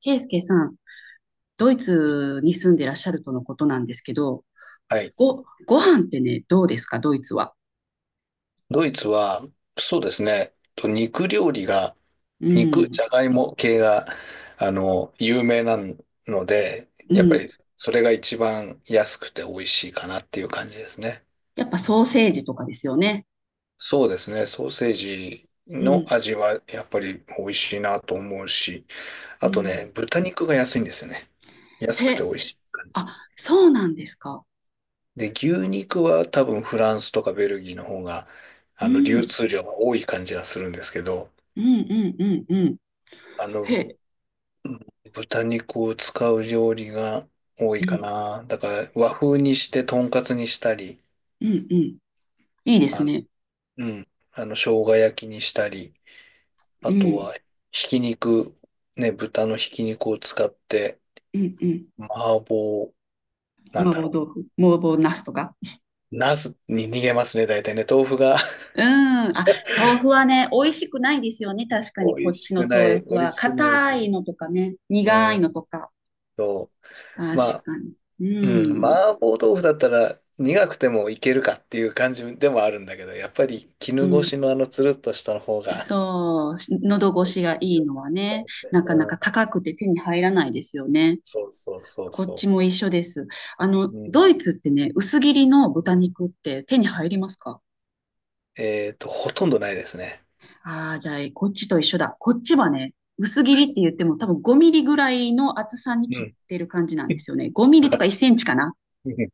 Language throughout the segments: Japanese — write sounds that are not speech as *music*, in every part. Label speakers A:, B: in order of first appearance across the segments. A: ケイスケさん、ドイツに住んでらっしゃるとのことなんですけど、
B: はい。
A: ご飯ってね、どうですか、ドイツは。
B: ドイツは、そうですね、と肉料理が、
A: う
B: 肉、
A: ん、
B: じゃがいも系が、有名なので、
A: う
B: やっぱ
A: ん。
B: りそれが一番安くて美味しいかなっていう感じですね。
A: やっぱソーセージとかですよね。
B: そうですね、ソーセージ
A: う
B: の
A: ん、
B: 味はやっぱり美味しいなと思うし、
A: う
B: あと
A: ん。
B: ね、豚肉が安いんですよね。安くて
A: へ、
B: 美味しい感じ。
A: あ、そうなんですか。
B: で、牛肉は多分フランスとかベルギーの方が、
A: う
B: 流
A: ん、
B: 通量が多い感じがするんですけど、
A: うん、うん、うん、うん。
B: あの、
A: へ、
B: 豚肉を使う料理が多い
A: う
B: か
A: ん、
B: な。だから和風にしてとんかつにしたり、
A: うん、うん。いいです
B: あの、
A: ね。
B: 生姜焼きにしたり、
A: う
B: あと
A: ん、
B: はひき肉、ね、豚のひき肉を使って、
A: うん、うん。
B: 麻婆、なん
A: 麻
B: だ
A: 婆
B: ろ
A: 豆腐、麻婆茄子とか。
B: う。茄子に逃げますね、大体ね。豆腐が
A: うん。あ、豆腐はね、美味しくないですよね。確か
B: *laughs*
A: に、
B: 美
A: こ
B: 味
A: っ
B: し
A: ち
B: く
A: の
B: な
A: 豆
B: い、
A: 腐
B: 美味
A: は。
B: しくない
A: 硬
B: し。
A: いのとかね、苦
B: う
A: い
B: ん
A: のとか。
B: と、
A: 確
B: ま
A: かに。
B: うん、
A: うん。
B: 麻婆豆腐だったら苦くてもいけるかっていう感じでもあるんだけど、やっぱり
A: う
B: 絹ごし
A: ん。
B: のあのつるっとした方が
A: そう。喉
B: 美
A: 越
B: 味
A: しが
B: しい
A: いい
B: よね。
A: のはね、なか
B: う
A: な
B: ん。
A: か高くて手に入らないですよね。
B: そうそうそう
A: こっち
B: そ
A: も一緒です。
B: う。うん。
A: ドイツってね、薄切りの豚肉って手に入りますか？
B: えっと、ほとんどないですね。
A: ああー、じゃあ、こっちと一緒だ。こっちはね、薄切りって言っても多分5ミリぐらいの厚さに
B: う
A: 切
B: ん。
A: ってる感じなんですよね。5ミリとか1
B: *laughs*
A: センチかな。
B: うん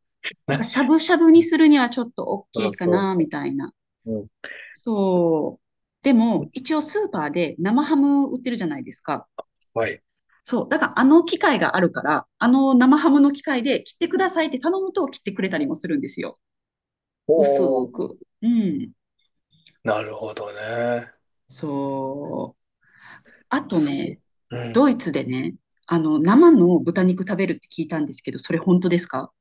A: だから
B: な
A: しゃぶしゃぶにするにはちょっと大
B: *laughs*
A: き
B: そう
A: いか
B: そう
A: な、み
B: そ
A: たいな。
B: う。うん。
A: そう。でも、一応スーパーで生ハム売ってるじゃないですか。
B: はい。
A: そう。だからあの機械があるから、あの生ハムの機械で切ってくださいって頼むと切ってくれたりもするんですよ。薄
B: おー。
A: く。うん。
B: なるほどね。
A: そう。あと
B: そう。
A: ね、
B: うん。
A: ドイツでね、生の豚肉食べるって聞いたんですけど、それ本当ですか？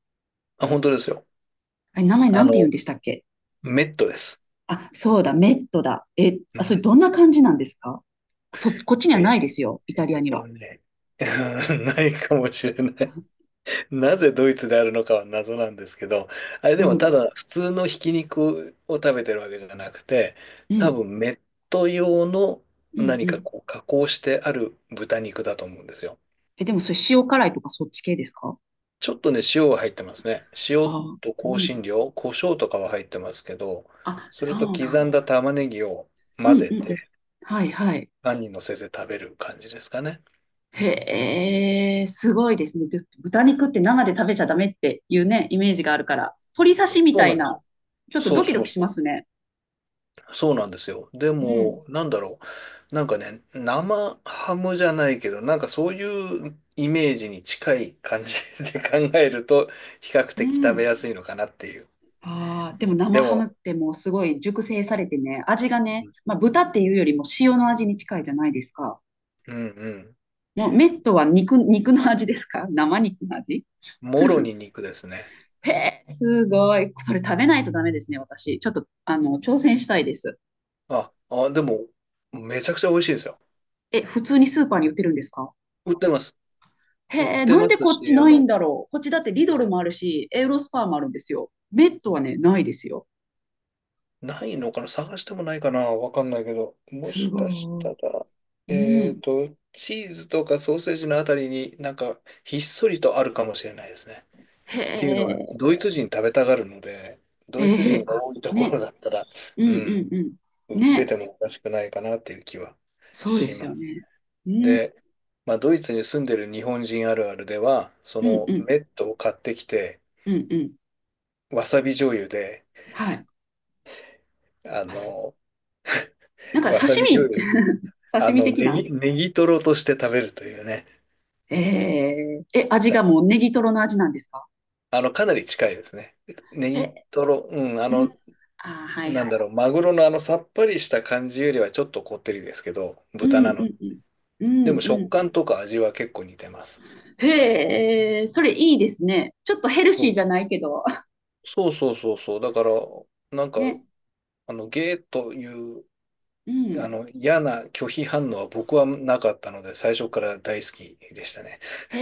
B: あ、本当ですよ。
A: あれ、名前
B: あ
A: なんて言うん
B: の、
A: でしたっけ？
B: メットです。
A: あ、そうだ、メットだ。え、
B: う
A: あ、それ
B: ん。
A: どんな感じなんですか？こっちに
B: え
A: はないですよ、イ
B: ー
A: タリ
B: え
A: ア
B: ーっ
A: に
B: と
A: は。
B: ね。*laughs* ないかもしれない。なぜドイツであるのかは謎なんですけど、あれ
A: う
B: でも
A: ん、う
B: ただ
A: ん、
B: 普通のひき肉を食べてるわけじゃなくて、
A: う
B: 多分メット用の
A: ん、
B: 何
A: う
B: か
A: ん。
B: こう加工してある豚肉だと思うんですよ。
A: え、でもそれ塩辛いとかそっち系ですか？
B: ちょっとね、塩が入ってますね。
A: あ
B: 塩
A: あ、う
B: と香辛
A: ん。
B: 料、胡椒とかは入ってますけど、
A: あ、
B: それと
A: そうな
B: 刻
A: ん
B: ん
A: だ。
B: だ玉ねぎを
A: う
B: 混
A: ん、
B: ぜ
A: うん、う
B: て
A: ん。はい、はい。
B: パンに乗せて食べる感じですかね。
A: へえ、すごいですね。豚肉って生で食べちゃダメっていうね、イメージがあるから、鶏刺しみ
B: そう
A: た
B: な
A: い
B: んです
A: な、
B: よ。
A: ちょっと
B: そ
A: ド
B: う
A: キド
B: そ
A: キ
B: う
A: し
B: そ
A: ま
B: う。
A: すね。
B: そうなんですよ。で
A: うん、
B: も、なんだろう。なんかね、生ハムじゃないけど、なんかそういうイメージに近い感じで *laughs* 考えると、比較
A: う
B: 的食べ
A: ん。
B: やすいのかなっていう。
A: ああ、でも
B: で
A: 生ハ
B: も、
A: ムってもうすごい熟成されてね、味がね、
B: う
A: まあ豚っていうよりも塩の味に近いじゃないですか。
B: んうん。
A: もうメットは肉、肉の味ですか？ *laughs* 生肉の味？
B: もろに肉ですね。
A: へえ、すごい。それ食べないとダメですね、私。ちょっと、挑戦したいです。
B: あ、あ、でも、めちゃくちゃ美味しいですよ。
A: え、普通にスーパーに売ってるんですか？
B: 売ってます。
A: へ
B: 売っ
A: え、
B: て
A: なん
B: ま
A: で
B: す
A: こっち
B: し、
A: ないんだろう。こっちだってリドルもあるし、エウロスパーもあるんですよ。メットはね、ないですよ。
B: ないのかな探してもないかなわかんないけど。も
A: す
B: しかした
A: ごい。
B: ら、
A: う
B: えっ
A: ん。
B: と、チーズとかソーセージのあたりになんかひっそりとあるかもしれないですね。
A: へ
B: っていうのは、
A: え。
B: ドイツ人食べたがるので、ドイツ
A: え
B: 人
A: え
B: が
A: あ、
B: 多いところ
A: ね、
B: だったら、
A: う
B: う
A: ん
B: ん、
A: うんう
B: 売
A: ん。
B: って
A: ね、
B: てもおかしくないかなっていう気は
A: そうで
B: し
A: すよ
B: ます。
A: ね。うん、
B: で、まあ、ドイツに住んでる日本人あるあるでは、そ
A: うん、う
B: の
A: ん、
B: メットを買ってきて、
A: うん、うん。
B: わさび醤油で、
A: はい。
B: あ
A: あす、
B: の、
A: なんか
B: わさ
A: 刺
B: び醤
A: 身、
B: 油
A: *laughs*
B: あ
A: 刺身
B: の、
A: 的
B: ネ
A: な。
B: ギ、ネギトロとして食べるというね。
A: えー、え、味
B: だ
A: がもうネギトロの味なんですか？
B: あの、かなり近いですね。ネギ
A: え、
B: トロ、うん、
A: うん、あー、はい
B: な
A: は
B: ん
A: い。
B: だろう、マグロのあのさっぱりした感じよりはちょっとこってりですけど、
A: う
B: 豚
A: んう
B: なの。
A: んうん。う
B: でも
A: ん
B: 食
A: うん。
B: 感とか味は結構似てます。
A: へえ、それいいですね。ちょっとヘル
B: そ
A: シー
B: う、
A: じゃないけど。*laughs*
B: そうそうそうそう。だから、なんか、
A: ね。
B: ゲーという、
A: うん。
B: 嫌な拒否反応は僕はなかったので、最初から大好きでしたね。
A: へ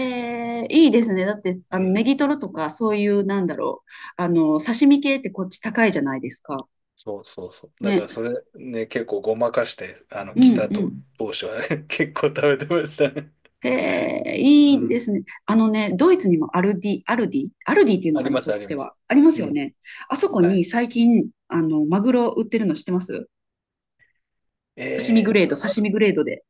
A: え、いいですね。だって、
B: う
A: ネ
B: ん
A: ギトロとか、そういう、なんだろう。刺身系ってこっち高いじゃないですか。
B: そうそうそう。だか
A: ね。
B: らそれね、結構ごまかして、
A: う
B: 来
A: ん
B: た
A: う
B: と、
A: ん。
B: 当初は *laughs* 結構食べてましたね。
A: へえ、い
B: う
A: い
B: ん。
A: ですね。あのね、ドイツにもアルディ、アルディ、アルディってい
B: *laughs*
A: うの
B: あり
A: かな、
B: ま
A: そ
B: す、
A: っ
B: あ
A: ち
B: り
A: で
B: ます。
A: は。あります
B: う
A: よ
B: ん。
A: ね。あそこ
B: は
A: に
B: い。
A: 最近、マグロ売ってるの知ってます？刺身
B: え
A: グ
B: ーっ
A: レード、
B: と、
A: 刺身グレードで。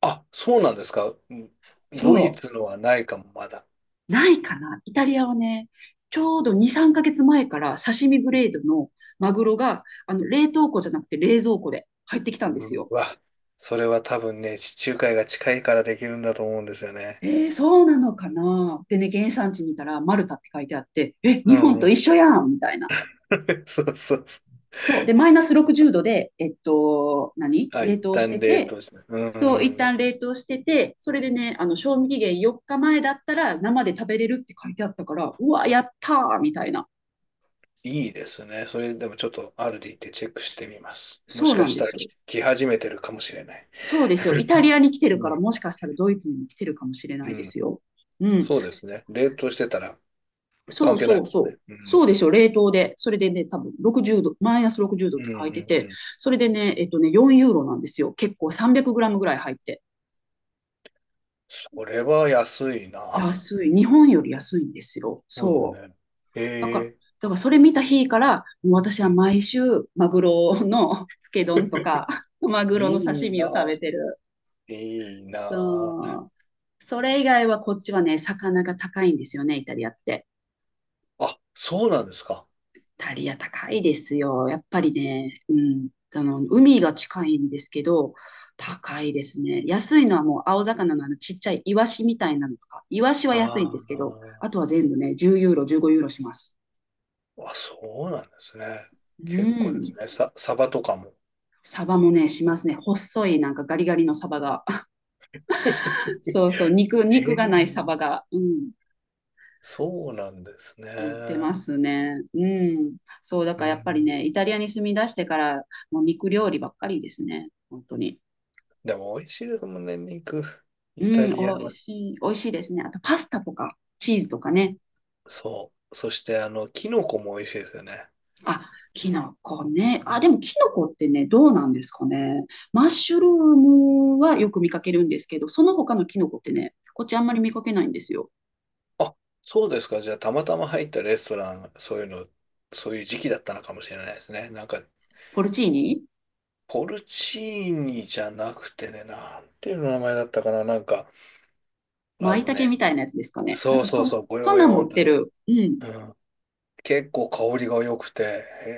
B: あ、そうなんですか。うんドイ
A: そ
B: ツのはないかも、まだ。
A: う。ないかな。イタリアはね、ちょうど2、3ヶ月前から刺身グレードのマグロが、冷凍庫じゃなくて冷蔵庫で入ってきたんです
B: う
A: よ。
B: わ、それは多分ね、地中海が近いからできるんだと思うんですよね。
A: えー、そうなのかな。でね、原産地見たらマルタって書いてあって、え、
B: う
A: 日本
B: んう
A: と
B: ん。
A: 一緒やんみたいな。
B: *laughs* そうそうそう。
A: そう。で、マイナス60度で、何
B: あ、
A: 冷
B: 一
A: 凍して
B: 旦冷
A: て、
B: 凍して。うんう
A: そう、一
B: んう
A: 旦
B: ん。
A: 冷凍してて、それでね、賞味期限4日前だったら生で食べれるって書いてあったから、うわ、やったーみたいな。
B: いいですね。それでもちょっとアルディってチェックしてみます。も
A: そ
B: し
A: う
B: か
A: なん
B: し
A: で
B: たら
A: すよ。
B: 来始めてるかもしれない。
A: そうですよ。イタリアに来てる
B: う
A: から、
B: ん。
A: もしかしたらドイツにも来てるかもしれな
B: う
A: いで
B: ん。
A: すよ。うん。
B: そうですね。冷凍してたら
A: そ
B: 関
A: う
B: 係ない
A: そ
B: で
A: う
B: すもん
A: そう。
B: ね。う
A: そ
B: ん。
A: うでしょ、冷凍で。それでね、多分60度、マイナス60度
B: う
A: って
B: んう
A: 書いて
B: ん
A: て、
B: うん。
A: それでね、4ユーロなんですよ。結構300グラムぐらい入って。
B: それは安いな。
A: 安い。日本より安いんですよ。
B: そうです
A: そ
B: ね。
A: う。
B: へ
A: だから、
B: え。
A: だからそれ見た日から、もう私
B: う
A: は
B: ん
A: 毎週、マグロの *laughs* つけ丼とか、*laughs* マグロの
B: いい
A: 刺身を食
B: な。
A: べてる。
B: いいな。
A: そう。それ以外はこっちはね、魚が高いんですよね、イタリアって。
B: あ、そうなんですか。
A: イタリア高いですよ。やっぱりね、うん。海が近いんですけど、高いですね。安いのはもう青魚のあのちっちゃいイワシみたいなのとか、イワシは安いんです
B: あ
A: けど、
B: あ。
A: あとは全部ね、10ユーロ、15ユーロします。
B: あ、そうなんですね。
A: う
B: 結構です
A: ん。
B: ね。さ、サバとかも。
A: サバもね、しますね。細い、なんかガリガリのサバが。
B: *laughs* へ
A: *laughs* そうそう、肉、
B: え。
A: 肉がないサバが、うん、
B: そうなんです
A: 売って
B: ね。
A: ますね。うん。そう、だ
B: う
A: からやっぱり
B: ん。
A: ね、イタリアに住み出してから、もう肉料理ばっかりですね。本当に。
B: でも美味しいですもんね、肉。
A: う
B: イタ
A: ん、
B: リア
A: おい
B: は。
A: しい、おいしいですね。あと、パスタとか、チーズとかね。
B: そう。そして、キノコも美味しいですよね。
A: あ、キノコね。あ、でも、キノコってね、どうなんですかね。マッシュルームはよく見かけるんですけど、その他のキノコってね、こっちあんまり見かけないんですよ。
B: あ、そうですか。じゃあ、たまたま入ったレストラン、そういうの、そういう時期だったのかもしれないですね。なんか、
A: ポルチーニ？
B: ポルチーニじゃなくてね、なんていう名前だったかな。なんか、あ
A: 舞
B: の
A: 茸
B: ね、
A: みたいなやつですかね。なん
B: そう
A: か
B: そう
A: そ、
B: そう、ごよ
A: そん
B: ご
A: なん
B: よ
A: も売
B: ん
A: っ
B: と、
A: てる。うん。
B: うん。結構香りが良くて、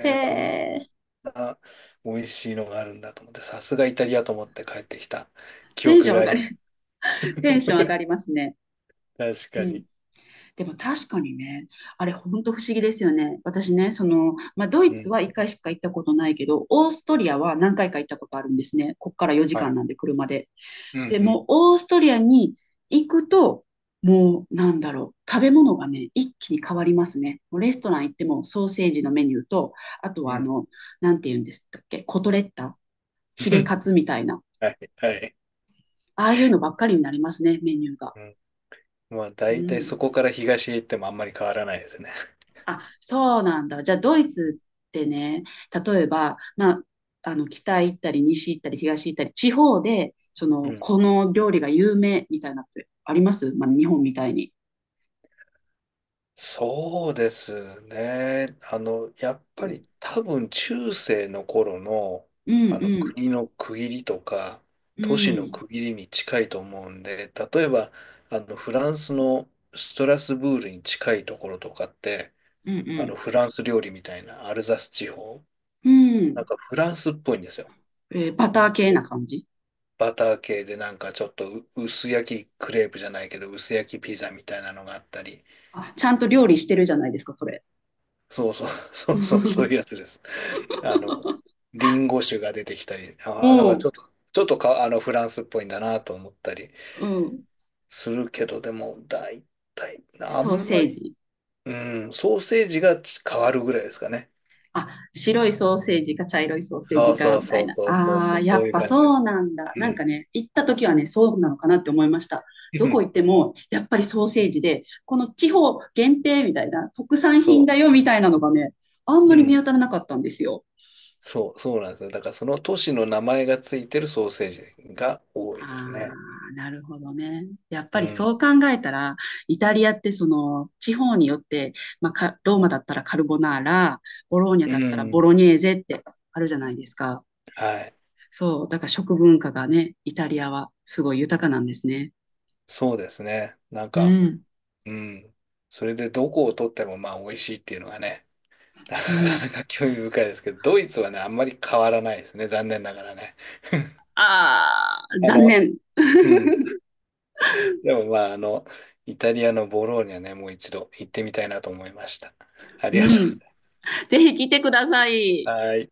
A: へ
B: え、こん
A: え、
B: な美味しいのがあるんだと思って、さすがイタリアと思って帰ってきた記
A: テンシ
B: 憶
A: ョン
B: が
A: 上
B: あ
A: が
B: り
A: り、
B: ます。
A: *laughs* テンション上がりま
B: *laughs*
A: すね。
B: 確
A: う
B: か
A: ん。
B: に。
A: でも確かにね、あれ本当不思議ですよね。私ね、その、まあ、ドイ
B: う
A: ツ
B: ん。
A: は1回しか行ったことないけど、オーストリアは何回か行ったことあるんですね。こっから4
B: は
A: 時間
B: い。
A: なんで、車で。
B: う
A: で
B: ん
A: も、オーストリアに行くと、もう、なんだろう、食べ物がね、一気に変わりますね。もうレストラン行っても、ソーセージのメニューと、あと
B: う
A: は、
B: ん。うん。
A: なんて言うんですっけ、コトレッタ？ヒレ
B: *laughs*
A: カツみたいな。
B: はい、はい。
A: ああいうのばっかりになりますね、メニューが。
B: うんまあ、
A: う
B: 大体
A: ん。
B: そこから東へ行ってもあんまり変わらないですね。
A: あ、そうなんだ。じゃあ、ドイツってね、例えば、まあ、北行ったり、西行ったり、東行ったり、地方で、そ
B: う
A: の、
B: ん。
A: この料理が有名みたいなってあります？まあ、日本みたいに。
B: そうですね。やっ
A: う
B: ぱり
A: ん、
B: 多分中世の頃の、
A: うん、
B: 国の区切りとか、
A: う
B: 都市の
A: ん、
B: 区切りに近いと思うんで、例えば、フランスのストラスブールに近いところとかって、
A: うん、うん、
B: フランス料理みたいなアルザス地方、
A: う
B: なん
A: ん。
B: かフランスっぽいんですよ。
A: えーバター系な感じ。
B: バター系でなんかちょっとう薄焼きクレープじゃないけど、薄焼きピザみたいなのがあったり、
A: あ、ちゃんと料理してるじゃないですか、それ。
B: そうそう、*laughs* そうそう、そういうや
A: *laughs*
B: つです。あの、リンゴ酒が出てきたり、ああ、だから
A: お
B: ちょ
A: う、
B: っと、ちょっとか、フランスっぽいんだなと思ったり
A: うん。
B: するけど、でも、大体、あ
A: ソー
B: ん
A: セ
B: ま
A: ー
B: り、
A: ジ。
B: うん、ソーセージがち変わるぐらいですかね。
A: あ、白いソーセージか茶色いソーセー
B: そ
A: ジ
B: うそ
A: か、
B: う
A: みた
B: そ
A: い
B: う
A: な。
B: そうそう
A: あ
B: そ
A: あ、
B: う、
A: や
B: そう
A: っ
B: いう
A: ぱ
B: 感じで
A: そう
B: す。
A: なんだ。
B: う
A: なんか
B: ん。
A: ね、行った時はね、そうなのかなって思いました。
B: う
A: ど
B: ん
A: こ行っても、やっぱりソーセージで、この地方限定みたいな、特産品
B: そ
A: だよみたいなのがね、あんま
B: う。う
A: り見
B: ん。
A: 当たらなかったんですよ。
B: そう、そうなんですよ。だからその都市の名前がついてるソーセージが多い
A: あ
B: ですね。
A: あ、なるほどね。やっ
B: う
A: ぱりそ
B: ん。
A: う考えたら、イタリアってその地方によって、まあ、ローマだったらカルボナーラ、ボローニャ
B: う
A: だったらボ
B: ん。
A: ロニェーゼってあるじゃないですか。
B: はい。
A: そう、だから食文化がね、イタリアはすごい豊かなんですね。
B: そうですね。なん
A: う
B: か、
A: ん。
B: うん。それでどこを取ってもまあ美味しいっていうのがね、*laughs* な
A: う
B: か
A: ん。
B: なか興味深いですけど、ドイツはね、あんまり変わらないですね。残念ながらね。
A: ああ、
B: あ
A: 残
B: の、
A: 念。
B: うん。でもまあ、イタリアのボローニャね、もう一度行ってみたいなと思いました。あ
A: う
B: りがとうご
A: ん。
B: ざい
A: ぜひ来てください。
B: ます。はい。